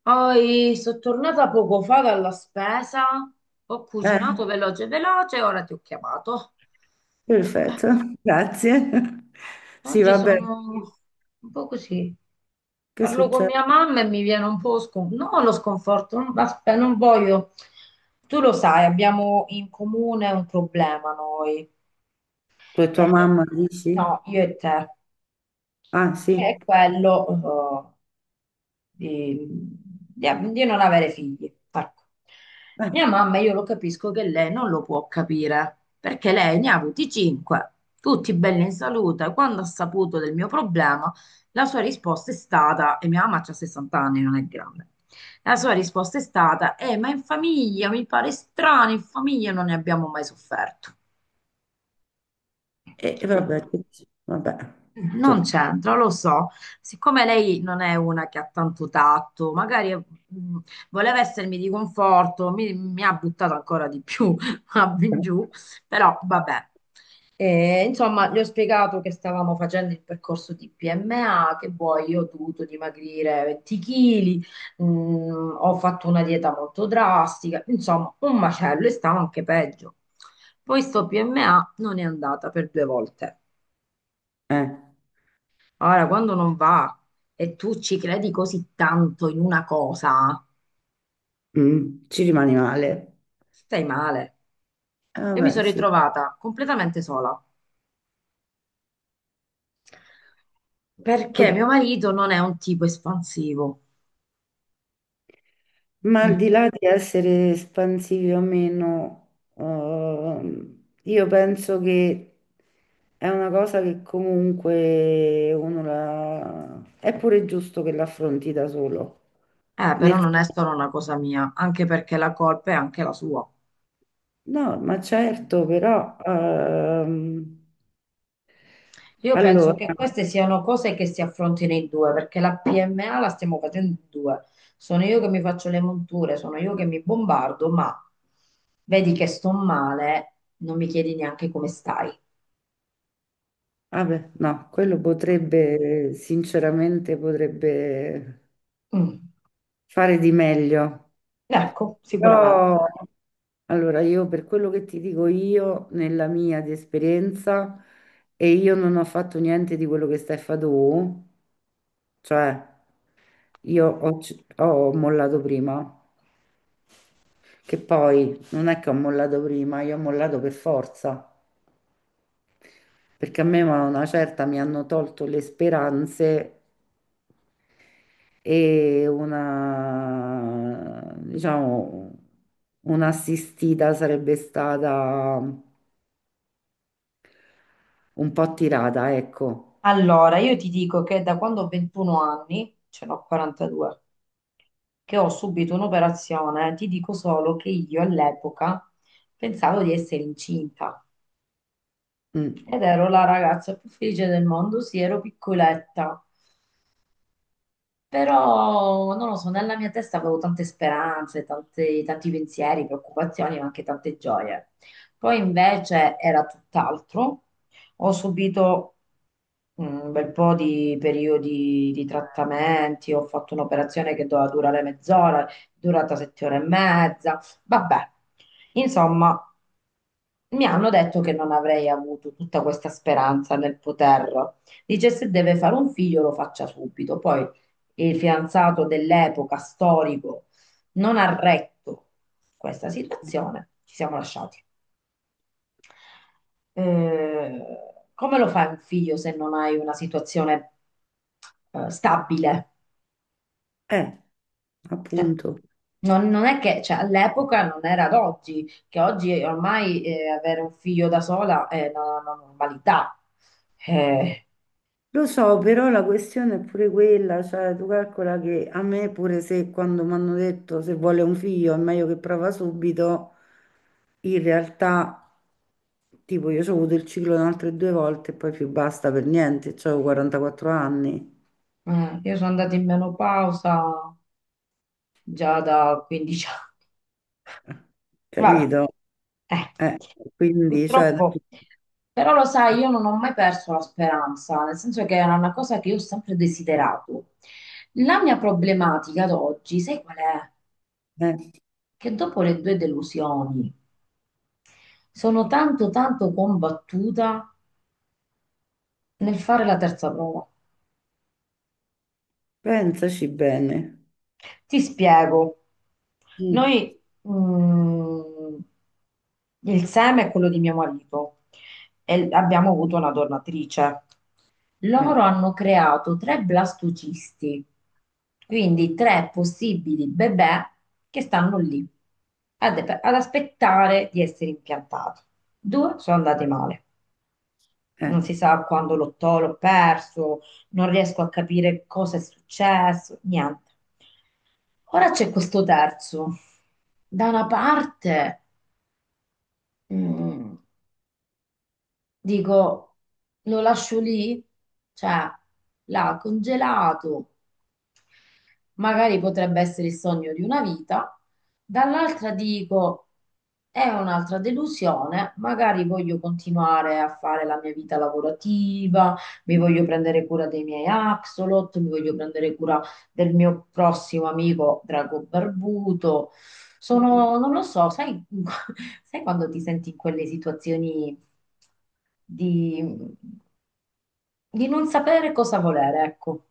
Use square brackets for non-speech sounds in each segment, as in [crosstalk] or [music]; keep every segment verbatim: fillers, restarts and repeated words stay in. Poi sono tornata poco fa dalla spesa, ho Eh, cucinato veloce veloce, ora ti ho chiamato. perfetto, [laughs] grazie. Sì, Oggi vabbè, sono un po' così. che Parlo con succede? mia mamma e mi viene un po' scon- no, lo sconforto, non, aspe- non voglio. Tu lo sai, abbiamo in comune un problema noi. Tu e tua Eh, mamma dici? no, io e te, Ah, che sì. è quello, eh, di, di- di non avere figli. Ecco. Eh, Mia mamma, io lo capisco che lei non lo può capire, perché lei ne ha avuti cinque, tutti belli in salute. Quando ha saputo del mio problema, la sua risposta è stata, e mia mamma ha sessanta anni, non è grande. La sua risposta è stata, eh, ma in famiglia mi pare strano, in famiglia non ne abbiamo mai sofferto. e e vabbè, che dici? Vabbè, Non insomma, c'entra, lo so. Siccome lei non è una che ha tanto tatto, magari mh, voleva essermi di conforto, mi, mi ha buttato ancora di più [laughs] a- in giù, però vabbè. E, insomma, gli ho spiegato che stavamo facendo il percorso di P M A, che poi io ho dovuto dimagrire venti chili, ho fatto una dieta molto drastica, insomma, un macello e stava anche peggio. Poi sto P M A non è andata per due volte. eh, Ora, quando non va e tu ci credi così tanto in una cosa, mm, ci rimani male. stai male. Eh, Io mi vabbè, sono sì. ritrovata completamente sola perché Od- mio marito non è un tipo espansivo. Ma Mm. al di là di essere espansivi o meno, ehm, io penso che è una cosa che comunque uno la, è pure giusto che l'affronti da solo. Eh, Nel però non è senso. solo una cosa mia, anche perché la colpa è anche la sua. No, ma certo, però ehm, Io penso allora, che queste siano cose che si affrontino in due, perché la P M A la stiamo facendo in due. Sono io che mi faccio le monture, sono io che mi bombardo, ma vedi che sto male, non mi chiedi neanche come stai. ah beh, no, quello potrebbe, sinceramente, potrebbe Mm. fare di meglio. Ecco, sicuramente. Però, allora, io per quello che ti dico io, nella mia di esperienza, e io non ho fatto niente di quello che stai fa tu, cioè io ho c- ho mollato prima, che poi non è che ho mollato prima, io ho mollato per forza. Perché a me a una certa mi hanno tolto le speranze e una, diciamo, un'assistita sarebbe stata un po' tirata, ecco. Allora, io ti dico che da quando ho ventuno anni, ce n'ho quarantadue, che ho subito un'operazione, ti dico solo che io all'epoca pensavo di essere incinta. Mm. Ed ero la ragazza più felice del mondo, sì, ero piccoletta, però non lo so, nella mia testa avevo tante speranze, tante- tanti pensieri, preoccupazioni, ma anche tante gioie. Poi invece era tutt'altro. Ho subito mm, un bel po' di periodi di trattamenti, ho fatto un'operazione che doveva durare mezz'ora, è durata sette ore e mezza, vabbè. Insomma, mi hanno detto che non avrei avuto tutta questa speranza nel poter. Dice se deve fare un figlio lo faccia subito. Poi il fidanzato dell'epoca storico non ha retto questa situazione, ci siamo lasciati. Eh, come lo fai un figlio se non hai una situazione eh, stabile? Eh, Cioè, appunto. non, non è che cioè, all'epoca non era ad oggi, che oggi ormai eh, avere un figlio da sola è una, una normalità. Eh, Lo so, però la questione è pure quella, cioè tu calcola che a me pure se quando mi hanno detto se vuole un figlio è meglio che prova subito. In realtà, tipo, io ho avuto il ciclo da altre due volte e poi più basta per niente, cioè, ho quarantaquattro anni, Eh, io sono andata in menopausa già da quindici anni. Vabbè, capito? eh, Eh, quindi, cioè, purtroppo. Però lo sai, io non ho mai perso la speranza, nel senso che era una cosa che io ho sempre desiderato. La mia problematica ad oggi, sai qual è? eh, Che dopo le due delusioni sono tanto tanto combattuta nel fare la terza prova. pensaci bene. Ti spiego. Noi, Mm, mm, il seme è quello di mio marito e l- abbiamo avuto una donatrice. eh, Loro hanno creato tre blastocisti, quindi tre possibili bebè che stanno lì ad, ad aspettare di essere impiantati. Due sono andati male, eh. non si sa quando l'ho to- l'ho perso, non riesco a capire cosa è successo, niente. Ora c'è questo terzo. Da una parte, mm, dico, lo lascio lì? Cioè, l'ha congelato, magari potrebbe essere il sogno di una vita. Dall'altra dico, è un'altra delusione, magari voglio continuare a fare la mia vita lavorativa, mi voglio prendere cura dei miei axolot, mi voglio prendere cura del mio prossimo amico Drago Barbuto. Sono, non lo so, sai, [laughs] sai quando ti senti in quelle situazioni di, di non sapere cosa volere, ecco.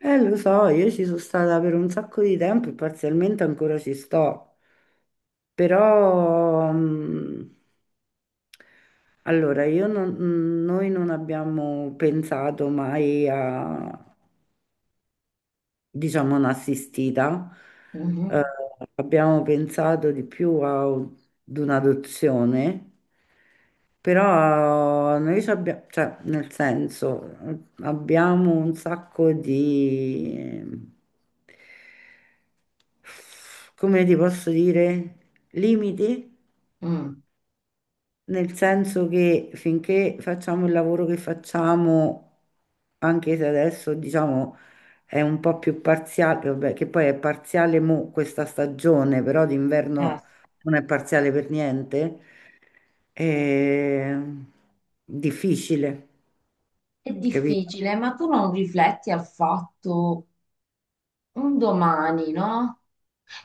Eh, lo so, io ci sono stata per un sacco di tempo e parzialmente ancora ci sto, però, mm, allora, io non- mm, noi non abbiamo pensato mai a, diciamo, non assistita, eh, Mhm. Mm. abbiamo pensato di più a- ad un'adozione. Però noi ci abbiamo, cioè, nel senso, eh, abbiamo un sacco di, come ti posso dire, limiti Mm. nel senso che finché facciamo il lavoro che facciamo, anche se adesso diciamo è un po' più parziale, vabbè, che poi è parziale mo questa stagione, però Eh, d'inverno non è parziale per niente, è difficile, è capito? difficile, ma tu non rifletti al fatto un domani, no?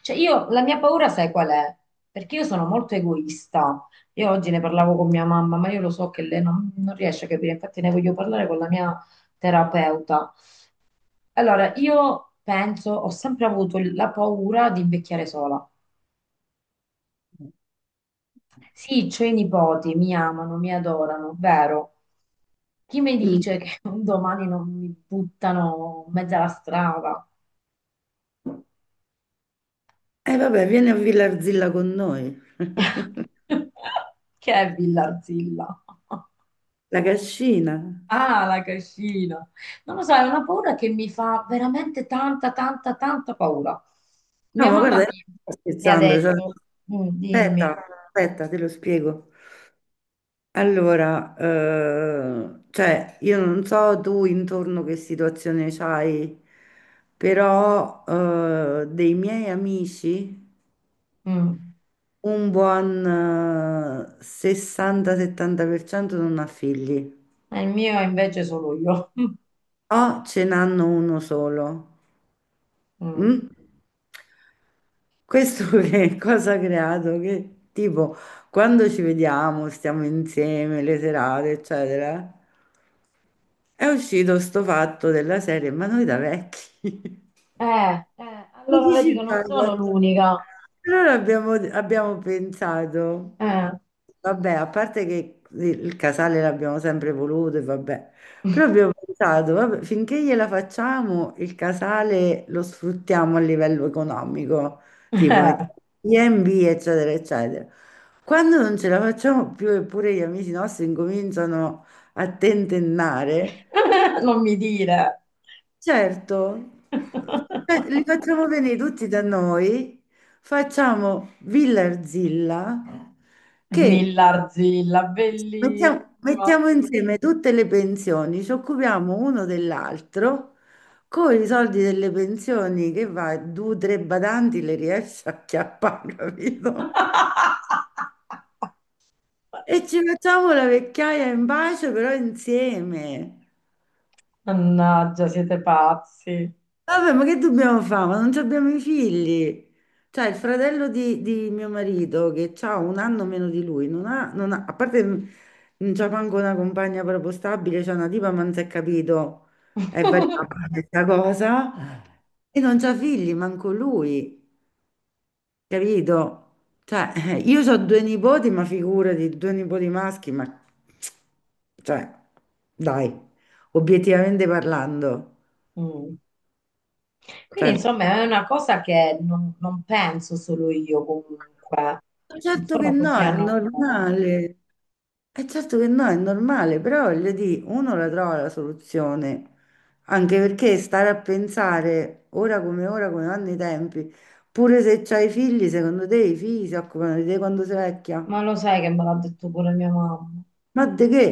Cioè io, la mia paura sai qual è? Perché io sono molto egoista. Io oggi ne parlavo con mia mamma, ma io lo so che lei non, non riesce a capire, infatti ne voglio parlare con la mia terapeuta. Allora, io penso, ho sempre avuto il- la paura di invecchiare sola. Sì, c'ho i nipoti, mi amano, mi adorano, vero? Chi mi Mm. dice che un domani non mi buttano in mezzo alla strada? E vabbè, vieni a Villarzilla con noi, [laughs] [laughs] Che è Villarzilla? la cascina. Ah, la cascina. Non lo so, è una paura che mi fa veramente tanta, tanta, tanta paura. No, Mia ma mamma guarda, io mi, non sto mi ha scherzando, cioè, detto, "Mm, dimmi, aspetta, aspetta, te lo spiego. Allora, eh, cioè, io non so tu intorno che situazione c'hai, però eh, dei miei amici Mm. un buon eh, sessanta-settanta per cento non ha figli, E il mio è invece solo io. [laughs] o ce n'hanno uno solo. Mm. Mm? Questo [laughs] che cosa ha creato? Che tipo, quando ci vediamo, stiamo insieme, le serate, eccetera. È uscito sto fatto della serie, ma noi da vecchi. Eh, eh, [laughs] Ma allora chi ci vedi che fa? non sono l'unica. Allora abbiamo, abbiamo pensato, Eh. vabbè, a parte che il casale l'abbiamo sempre voluto, e vabbè, però [laughs] abbiamo pensato, vabbè, finché gliela facciamo, il casale lo sfruttiamo a livello economico, tipo Eh. mettiamo gli B e B, eccetera, eccetera. Quando non ce la facciamo più, eppure gli amici nostri incominciano a tentennare. [laughs] Non mi dire. Certo. Eh, li [laughs] facciamo venire tutti da noi, facciamo Villarzilla, che Villarzilla, mettiamo, bellissima. mettiamo insieme tutte le pensioni, ci occupiamo uno dell'altro, con i soldi delle pensioni che va, due o tre badanti le riesce a chiappare, [laughs] capito? [laughs] E ci facciamo la vecchiaia in pace, però insieme. Mannaggia, siete pazzi. Vabbè, ma che dobbiamo fare? Ma non ci abbiamo i figli. Cioè, il fratello di, di mio marito, che ha un anno meno di lui, non ha, non ha- a parte n- non c'ha manco una compagna proprio stabile, c'è una tipa, ma non si è capito, è [laughs] variabile questa cosa, e non c'ha figli, manco lui, capito? Cioè, [laughs] eh, io ho due nipoti, ma figurati, due nipoti maschi, ma. Cioè, dai, obiettivamente parlando, Mm. Quindi cioè. insomma è una cosa che non, non penso solo io comunque, non Certo che sono così no, è anomala, normale. È certo che no, è normale, però voglio dire, uno la trova la soluzione, anche perché stare a pensare ora come ora, come vanno i tempi, pure se c'hai figli, secondo te i figli si occupano di te quando sei ma vecchia? lo sai che me l'ha detto pure mia mamma Ma di che?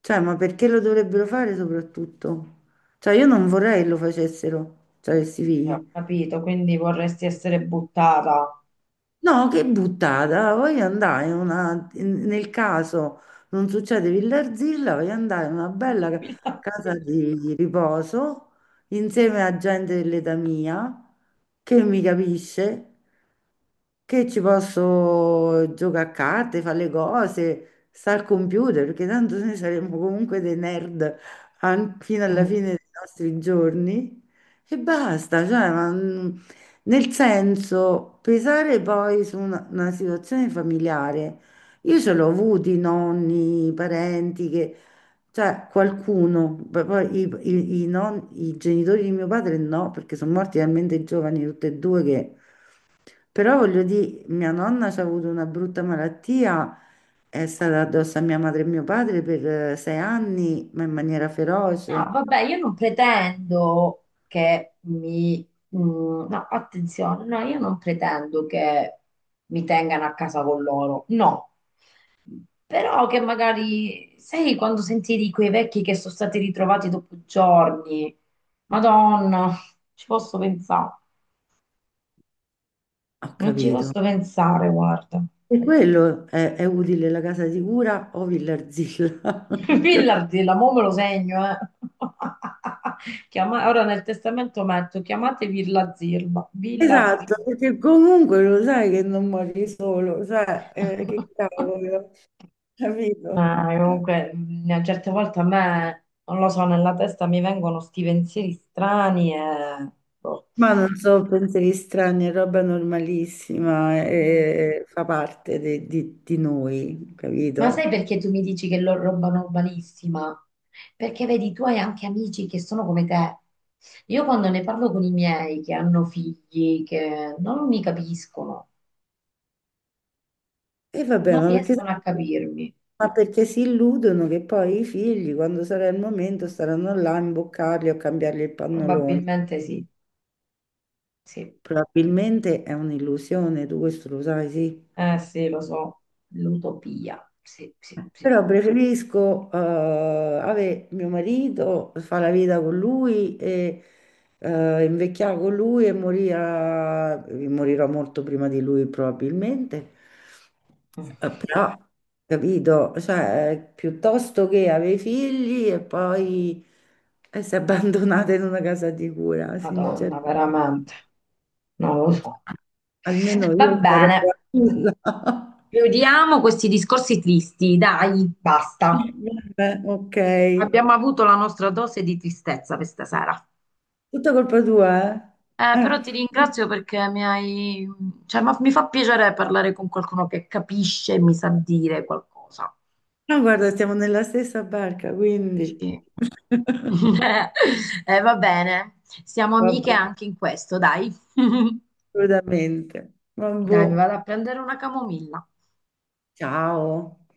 Cioè, ma perché lo dovrebbero fare soprattutto? Cioè, io non vorrei che lo facessero, cioè, questi e ho figli. capito, quindi vorresti essere buttata. No, che buttata, voglio andare in una, in- nel caso non succede Villarzilla, voglio andare in una bella ca- [laughs] casa Sì. di di riposo insieme a gente dell'età mia che mi capisce, che ci posso giocare a carte, fare le cose, stare al computer, perché tanto noi saremo comunque dei nerd an- fino alla Mm. fine dei nostri giorni e basta, cioè, ma. Nel senso, pesare poi su una, una situazione familiare. Io ce l'ho avuti nonni, parenti che, cioè qualcuno, poi poi i, i- i non- i genitori di mio padre no, perché sono morti talmente giovani tutti e due che, però voglio dire, mia nonna ci ha avuto una brutta malattia, è stata addosso a mia madre e mio padre per eh, sei anni, ma in maniera No, feroce. vabbè, io non pretendo che mi... mm, no, attenzione, no, io non pretendo che mi tengano a casa con loro, no. Però che magari, sai, quando sentivi quei vecchi che sono stati ritrovati dopo giorni, Madonna, ci posso pensare, Ho non ci capito. posso pensare, guarda. E quello è, è utile la casa di cura o Villarzilla. [laughs] [laughs] Pillardi, la mo me lo segno, eh. [laughs] Chiama- Ora nel testamento metto, chiamate Villa Zirba, Villa Esatto, Zirba. perché comunque lo sai che non muori solo, cioè, eh, che [laughs] cavolo, capito? Ma Eh, comunque, mh, a certe volte a me, non lo so, nella testa mi vengono sti pensieri strani e... boh. Ma non so, pensieri strani, è roba normalissima, Mm. eh, fa parte de- di, di noi, Ma sai capito? perché tu mi dici che lo roba normalissima? Perché vedi, tu hai anche amici che sono come te. Io quando ne parlo con i miei che hanno figli, che non mi capiscono, E vabbè, non ma perché, riescono a capirmi. ma perché si illudono che poi i figli, quando sarà il momento, staranno là a imboccarli o a cambiargli il pannolone. Probabilmente sì, sì. Probabilmente è un'illusione, tu questo lo sai, sì. Eh sì, lo so, l'utopia. Sì, sì, sì. Però preferisco eh, avere mio marito, fare la vita con lui e eh, invecchiare con lui e morire, a- morirò molto prima di lui probabilmente. Eh, Però, capito, cioè, piuttosto che avere figli e poi essere abbandonata in una casa di cura, Madonna, sinceramente. veramente, non lo so. Almeno Va io sarò bene, tranquilla. [laughs] chiudiamo questi discorsi tristi, dai. Basta. Vabbè, ok. Abbiamo avuto la nostra dose di tristezza questa sera. Tutta colpa tua, eh? Eh, Eh. però ti ringrazio perché mi hai... cioè, ma- mi fa piacere parlare con qualcuno che capisce e mi sa dire qualcosa. No, guarda, siamo nella stessa barca, quindi. Dici? [laughs] [laughs] Eh, va bene, siamo amiche Vabbè, anche in questo, dai. [laughs] assolutamente. Vabbè. Dai, mi vado a prendere una camomilla. Ciao.